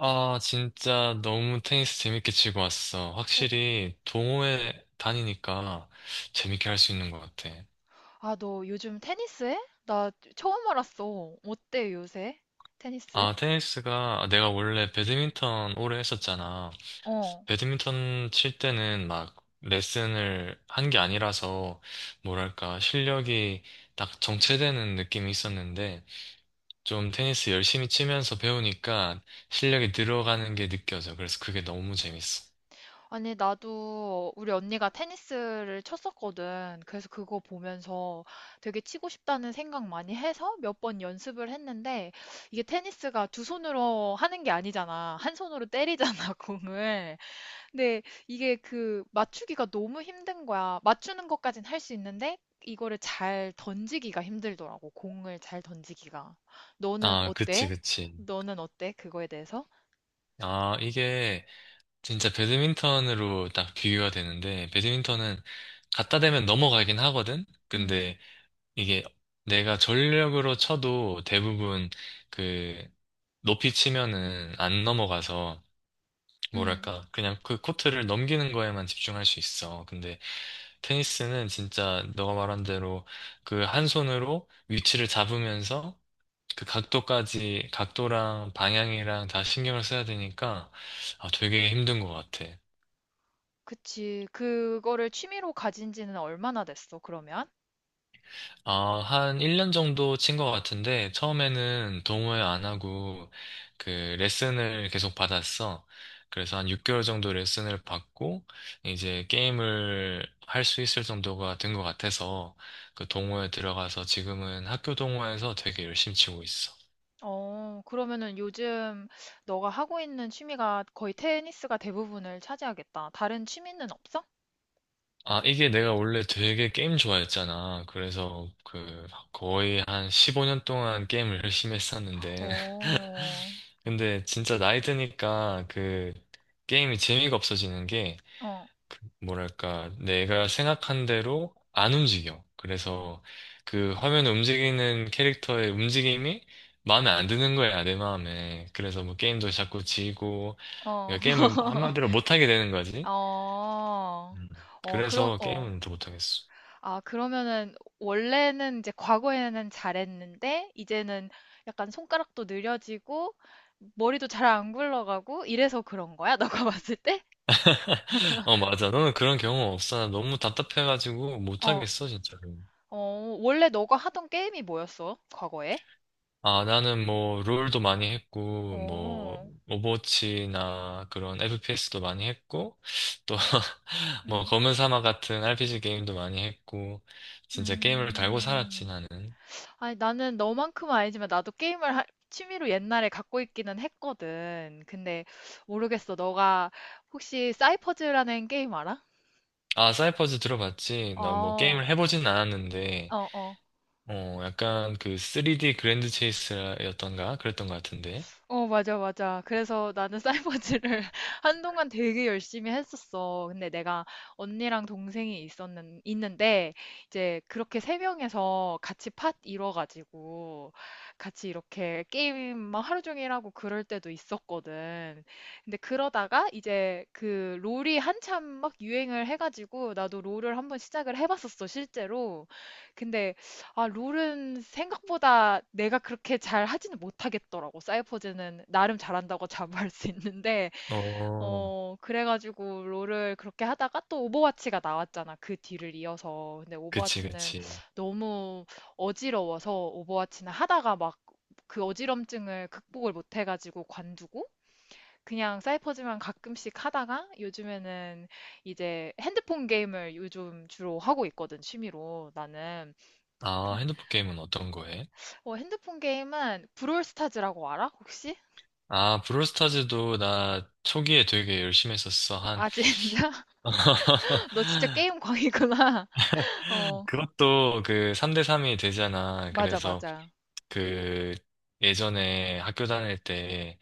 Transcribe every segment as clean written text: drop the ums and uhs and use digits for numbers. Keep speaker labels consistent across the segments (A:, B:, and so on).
A: 아, 진짜 너무 테니스 재밌게 치고 왔어.
B: 어,
A: 확실히 동호회 다니니까 재밌게 할 수 있는 것 같아.
B: 아, 너 요즘 테니스 해? 나 처음 알았어. 어때, 요새? 테니스?
A: 아, 테니스가 내가 원래 배드민턴 오래 했었잖아.
B: 어.
A: 배드민턴 칠 때는 막 레슨을 한 게 아니라서 뭐랄까 실력이 딱 정체되는 느낌이 있었는데 좀 테니스 열심히 치면서 배우니까 실력이 늘어가는 게 느껴져. 그래서 그게 너무 재밌어.
B: 아니, 나도 우리 언니가 테니스를 쳤었거든. 그래서 그거 보면서 되게 치고 싶다는 생각 많이 해서 몇 번 연습을 했는데, 이게 테니스가 두 손으로 하는 게 아니잖아. 한 손으로 때리잖아, 공을. 근데 이게 그 맞추기가 너무 힘든 거야. 맞추는 것까진 할 수 있는데 이거를 잘 던지기가 힘들더라고. 공을 잘 던지기가. 너는
A: 아, 그치,
B: 어때?
A: 그치.
B: 너는 어때? 그거에 대해서?
A: 아, 이게 진짜 배드민턴으로 딱 비교가 되는데, 배드민턴은 갖다 대면 넘어가긴 하거든?
B: 음,
A: 근데 이게 내가 전력으로 쳐도 대부분 그 높이 치면은 안 넘어가서,
B: 음,
A: 뭐랄까, 그냥 그 코트를 넘기는 거에만 집중할 수 있어. 근데 테니스는 진짜 너가 말한 대로 그 한 손으로 위치를 잡으면서 그 각도까지, 각도랑 방향이랑 다 신경을 써야 되니까, 아, 되게 힘든 것 같아.
B: 그치. 그거를 취미로 가진 지는 얼마나 됐어, 그러면?
A: 아, 한 1년 정도 친 것 같은데, 처음에는 동호회 안 하고, 그, 레슨을 계속 받았어. 그래서 한 6개월 정도 레슨을 받고, 이제 게임을 할 수 있을 정도가 된 것 같아서, 그 동호회 들어가서 지금은 학교 동호회에서 되게 열심히 치고 있어.
B: 어, 그러면은 요즘 너가 하고 있는 취미가 거의 테니스가 대부분을 차지하겠다. 다른 취미는 없어?
A: 아, 이게 내가 원래 되게 게임 좋아했잖아. 그래서 거의 한 15년 동안 게임을 열심히 했었는데,
B: 어,
A: 근데 진짜 나이 드니까 게임이 재미가 없어지는 게
B: 어,
A: 뭐랄까 내가 생각한 대로 안 움직여. 그래서 그 화면 움직이는 캐릭터의 움직임이 마음에 안 드는 거야, 내 마음에. 그래서 뭐 게임도 자꾸 지고
B: 어.
A: 그러니까 게임을 한마디로 못하게 되는 거지.
B: 어,
A: 음.
B: 어, 그럼,
A: 그래서
B: 어,
A: 게임은 더 못하겠어.
B: 아, 그러면은, 원래는 이제 과거에는 잘했는데, 이제는 약간 손가락도 느려지고, 머리도 잘 안 굴러가고, 이래서 그런 거야? 너가 봤을 때?
A: 어, 맞아. 너는 그런 경험 없어. 나 너무 답답해가지고
B: 어,
A: 못하겠어, 진짜.
B: 어, 원래 너가 하던 게임이 뭐였어? 과거에?
A: 아, 나는 뭐, 롤도 많이 했고, 뭐,
B: 어,
A: 오버워치나 그런 FPS도 많이 했고, 또, 뭐,
B: 음,
A: 검은 사막 같은 RPG 게임도 많이 했고, 진짜 게임을 달고 살았지,
B: 음.
A: 나는.
B: 아니, 나는 너만큼은 아니지만, 나도 취미로 옛날에 갖고 있기는 했거든. 근데, 모르겠어. 너가 혹시 사이퍼즈라는 게임 알아?
A: 아, 사이퍼즈 들어봤지? 나 뭐,
B: 아,
A: 게임을 해보진 않았는데,
B: 어, 어.
A: 어, 약간 그 3D 그랜드 체이스였던가? 그랬던 것 같은데.
B: 어, 맞아, 맞아. 그래서 나는 사이버즈를 한동안 되게 열심히 했었어. 근데 내가 언니랑 있는데, 이제 그렇게 세 명에서 같이 팟 이뤄가지고, 같이 이렇게 게임 막 하루 종일 하고 그럴 때도 있었거든. 근데 그러다가 이제 그 롤이 한참 막 유행을 해가지고, 나도 롤을 한번 시작을 해봤었어, 실제로. 근데 아, 롤은 생각보다 내가 그렇게 잘 하지는 못하겠더라고. 사이퍼즈는 나름 잘한다고 자부할 수 있는데,
A: 어,
B: 어, 그래가지고 롤을 그렇게 하다가 또 오버워치가 나왔잖아. 그 뒤를 이어서. 근데
A: 그치,
B: 오버워치는
A: 그치.
B: 너무 어지러워서 오버워치는 하다가 막 그 어지럼증을 극복을 못해가지고 관두고, 그냥 사이퍼즈만 가끔씩 하다가 요즘에는 이제 핸드폰 게임을 요즘 주로 하고 있거든, 취미로 나는.
A: 아, 핸드폰 게임은 어떤 거 해?
B: 어, 핸드폰 게임은 브롤스타즈라고 알아? 혹시?
A: 아, 브롤스타즈도 나 초기에 되게 열심히 했었어. 한
B: 아, 진짜? 너 진짜 게임 광이구나. 어,
A: 그것도 그 3대 3이 되잖아.
B: 맞아,
A: 그래서
B: 맞아.
A: 그 예전에 학교 다닐 때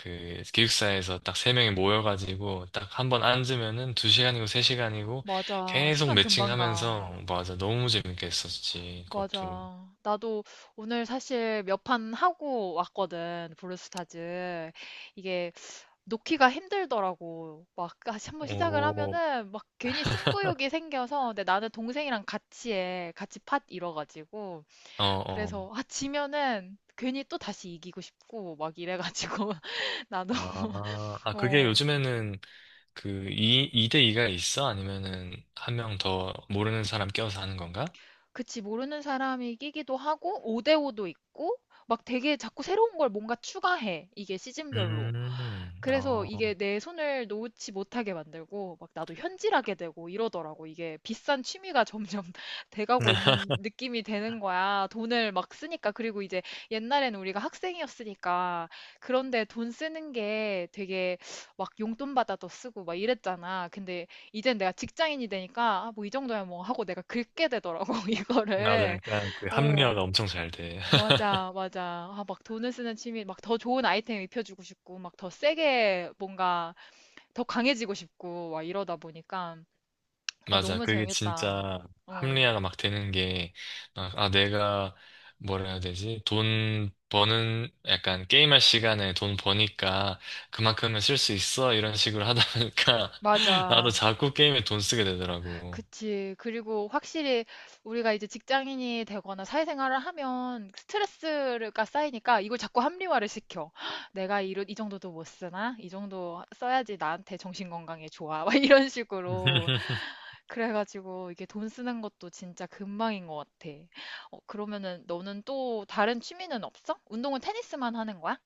A: 그 기숙사에서 딱 세 명이 모여가지고 딱 한번 앉으면은 두 시간이고 세 시간이고
B: 맞아.
A: 계속
B: 시간 금방 가.
A: 매칭하면서 맞아. 너무 재밌게 했었지. 그것도.
B: 맞아. 나도 오늘 사실 몇 판 하고 왔거든, 브롤스타즈. 이게 놓기가 힘들더라고. 막 다시 한번 시작을
A: 오,
B: 하면은 막 괜히 승부욕이 생겨서. 근데 나는 동생이랑 같이 해. 같이 팟 이뤄가지고.
A: 어, 어.
B: 그래서, 아, 지면은 괜히 또 다시 이기고 싶고, 막 이래가지고. 나도
A: 아, 아, 그게
B: 어,
A: 요즘에는 이대 2가 있어? 아니면은 한 명 더 모르는 사람 껴서 하는 건가?
B: 그치. 모르는 사람이 끼기도 하고 5대5도 있고, 막 되게 자꾸 새로운 걸 뭔가 추가해. 이게 시즌별로. 그래서
A: 어.
B: 이게 내 손을 놓지 못하게 만들고, 막 나도 현질하게 되고 이러더라고. 이게 비싼 취미가 점점 돼가고 있는 느낌이 되는 거야. 돈을 막 쓰니까. 그리고 이제 옛날에는 우리가 학생이었으니까, 그런데 돈 쓰는 게 되게 막 용돈 받아도 쓰고 막 이랬잖아. 근데 이젠 내가 직장인이 되니까, 아, 뭐 이 정도야 뭐 하고 내가 긁게 되더라고.
A: 맞아,
B: 이거를.
A: 약간 그
B: 어,
A: 합리화가 엄청 잘 돼.
B: 맞아, 맞아. 아, 막 돈을 쓰는 취미. 막 더 좋은 아이템 입혀주고 싶고, 막 더 세게 뭔가 더 강해지고 싶고, 막 이러다 보니까. 아,
A: 맞아,
B: 너무
A: 그게
B: 재밌다.
A: 진짜
B: 어.
A: 합리화가 막 되는 게, 아, 아, 내가 뭐라 해야 되지? 돈 버는, 약간 게임할 시간에 돈 버니까 그만큼은 쓸 수 있어. 이런 식으로 하다 보니까 나도
B: 맞아.
A: 자꾸 게임에 돈 쓰게 되더라고.
B: 그치. 그리고 확실히 우리가 이제 직장인이 되거나 사회생활을 하면 스트레스가 쌓이니까 이걸 자꾸 합리화를 시켜. 내가 이런, 이 정도도 못 쓰나? 이 정도 써야지 나한테 정신건강에 좋아. 막 이런 식으로. 그래가지고 이게 돈 쓰는 것도 진짜 금방인 것 같아. 어, 그러면은 너는 또 다른 취미는 없어? 운동은 테니스만 하는 거야?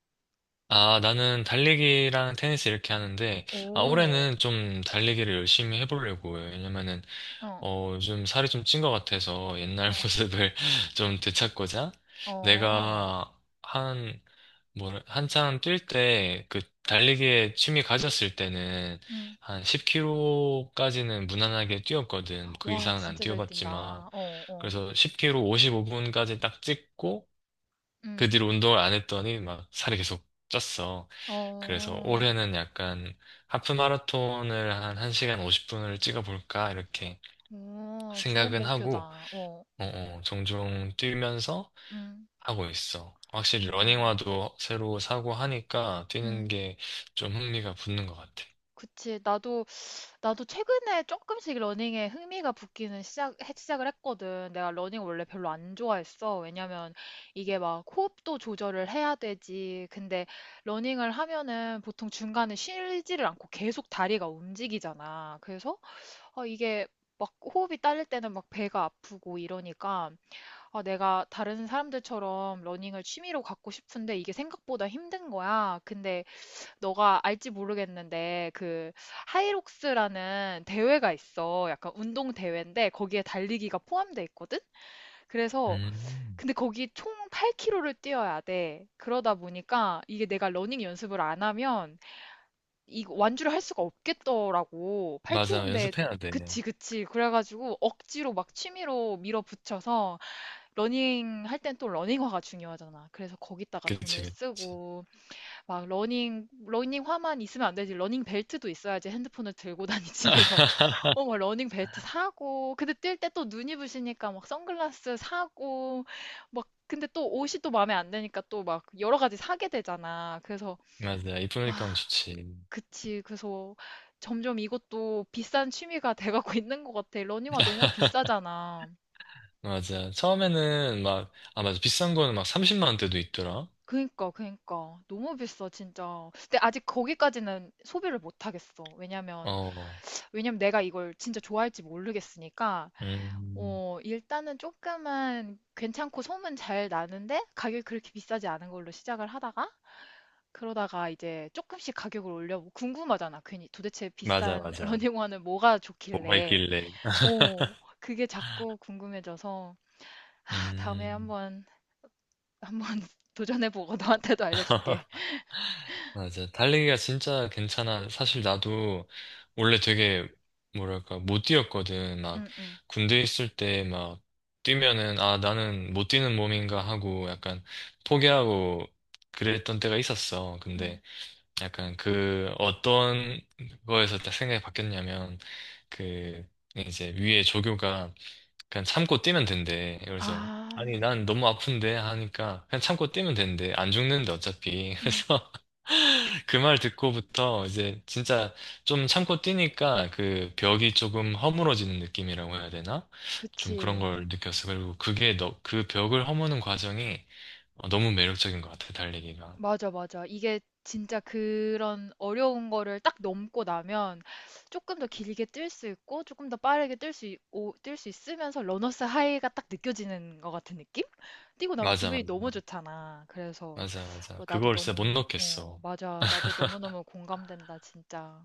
A: 아, 나는 달리기랑 테니스 이렇게 하는데, 아,
B: 오,
A: 올해는 좀 달리기를 열심히 해보려고. 요 왜냐면은
B: 어,
A: 어, 요즘 살이 좀 찐 것 같아서 옛날
B: 어,
A: 모습을 좀 되찾고자
B: 어.
A: 내가 한, 뭐, 한창 뛸 때, 달리기에 취미 가졌을 때는
B: 음.
A: 한 10km까지는 무난하게 뛰었거든. 그
B: 와,
A: 이상은 안
B: 진짜 잘
A: 뛰어봤지만.
B: 뛴다. 어, 어.
A: 그래서 1 0 k 오 55분까지 딱 찍고, 그
B: 음.
A: 뒤로 운동을 안 했더니 막 살이 계속 쪘어. 그래서
B: 어,
A: 올해는 약간 하프 마라톤을 한 1시간 50분을 찍어볼까, 이렇게
B: 어, 좋은
A: 생각은 하고,
B: 목표다. 어,
A: 어, 어, 종종 뛰면서
B: 음,
A: 하고 있어. 확실히
B: 음,
A: 러닝화도 새로 사고 하니까 뛰는
B: 음.
A: 게 좀 흥미가 붙는 것 같아.
B: 그치. 나도, 나도 최근에 조금씩 러닝에 흥미가 붙기는 시작을 했거든. 내가 러닝 원래 별로 안 좋아했어. 왜냐면 이게 막 호흡도 조절을 해야 되지. 근데 러닝을 하면은 보통 중간에 쉬지를 않고 계속 다리가 움직이잖아. 그래서, 어, 이게 막 호흡이 딸릴 때는 막 배가 아프고 이러니까, 아, 내가 다른 사람들처럼 러닝을 취미로 갖고 싶은데 이게 생각보다 힘든 거야. 근데 너가 알지 모르겠는데 그 하이록스라는 대회가 있어. 약간 운동 대회인데 거기에 달리기가 포함돼 있거든? 그래서,
A: 음.
B: 근데 거기 총 8km를 뛰어야 돼. 그러다 보니까 이게 내가 러닝 연습을 안 하면 이 완주를 할 수가 없겠더라고.
A: 맞아,
B: 8km인데.
A: 연습해야 돼.
B: 그치, 그치. 그래가지고 억지로 막 취미로 밀어붙여서 러닝 할 땐 또 러닝화가 중요하잖아. 그래서 거기다가
A: 그치,
B: 돈을
A: 그치.
B: 쓰고. 막 러닝화만 있으면 안 되지. 러닝 벨트도 있어야지. 핸드폰을 들고 다니지. 그래서 어막 러닝 벨트 사고. 근데 뛸 때 또 눈이 부시니까 막 선글라스 사고, 막 근데 또 옷이 또 마음에 안 드니까 또 막 여러 가지 사게 되잖아. 그래서
A: 맞아, 이쁘니까 하면
B: 아,
A: 좋지.
B: 그치. 그래서 점점 이것도 비싼 취미가 돼가고 있는 것 같아. 러닝화 너무 비싸잖아.
A: 맞아. 처음에는 막, 아, 맞아. 비싼 거는 막 30만 원대도 있더라.
B: 그니까, 그니까. 너무 비싸, 진짜. 근데 아직 거기까지는 소비를 못 하겠어. 왜냐면,
A: 어,
B: 왜냐면 내가 이걸 진짜 좋아할지 모르겠으니까,
A: 음,
B: 어, 일단은 조금은 괜찮고 소문 잘 나는데, 가격이 그렇게 비싸지 않은 걸로 시작을 하다가, 그러다가 이제 조금씩 가격을 올려. 궁금하잖아. 괜히 도대체
A: 맞아,
B: 비싼
A: 맞아.
B: 러닝화는 뭐가
A: 뭐가
B: 좋길래.
A: 있길래.
B: 어, 그게 자꾸 궁금해져서, 아, 다음에
A: 음.
B: 한번, 한번 도전해보고 너한테도 알려줄게.
A: 맞아. 달리기가 진짜 괜찮아. 사실 나도 원래 되게, 뭐랄까, 못 뛰었거든. 막,
B: 응, 응,
A: 군대 있을 때 막, 뛰면은, 아, 나는 못 뛰는 몸인가 하고 약간 포기하고 그랬던 때가 있었어.
B: 응.
A: 근데 약간 그 어떤 거에서 딱 생각이 바뀌었냐면, 그, 이제 위에 조교가 그냥 참고 뛰면 된대. 그래서
B: 아,
A: 아니 난 너무 아픈데 하니까 그냥 참고 뛰면 된대. 안 죽는데 어차피.
B: 음,
A: 그래서 그 말 듣고부터 이제 진짜 좀 참고 뛰니까 그 벽이 조금 허물어지는 느낌이라고 해야 되나? 좀 그런
B: 그치.
A: 걸 느꼈어. 그리고 그게 너, 그 벽을 허무는 과정이 어, 너무 매력적인 것 같아, 달리기가.
B: 맞아, 맞아. 이게 진짜 그런 어려운 거를 딱 넘고 나면 조금 더 길게 뛸 수 있고 조금 더 빠르게 뛸 수 있으면서 러너스 하이가 딱 느껴지는 것 같은 느낌? 뛰고 나면
A: 맞아,
B: 기분이
A: 맞아.
B: 너무 좋잖아. 그래서
A: 맞아, 맞아.
B: 뭐 나도
A: 그걸 진짜 못
B: 너무, 어,
A: 넣겠어.
B: 맞아. 나도 너무너무 공감된다, 진짜.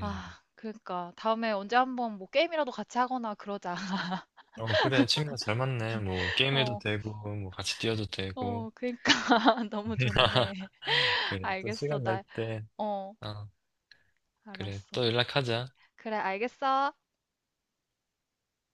A: 음.
B: 그러니까 다음에 언제 한번 뭐 게임이라도 같이 하거나 그러자.
A: 어, 그래. 취미가 잘 맞네. 뭐, 게임해도
B: 어,
A: 되고, 뭐, 같이 뛰어도 되고.
B: 어, 그러니까 너무 좋네.
A: 그래, 또
B: 알겠어.
A: 시간 날
B: 나,
A: 때,
B: 어,
A: 어, 그래,
B: 알았어.
A: 또 연락하자.
B: 그래, 알겠어.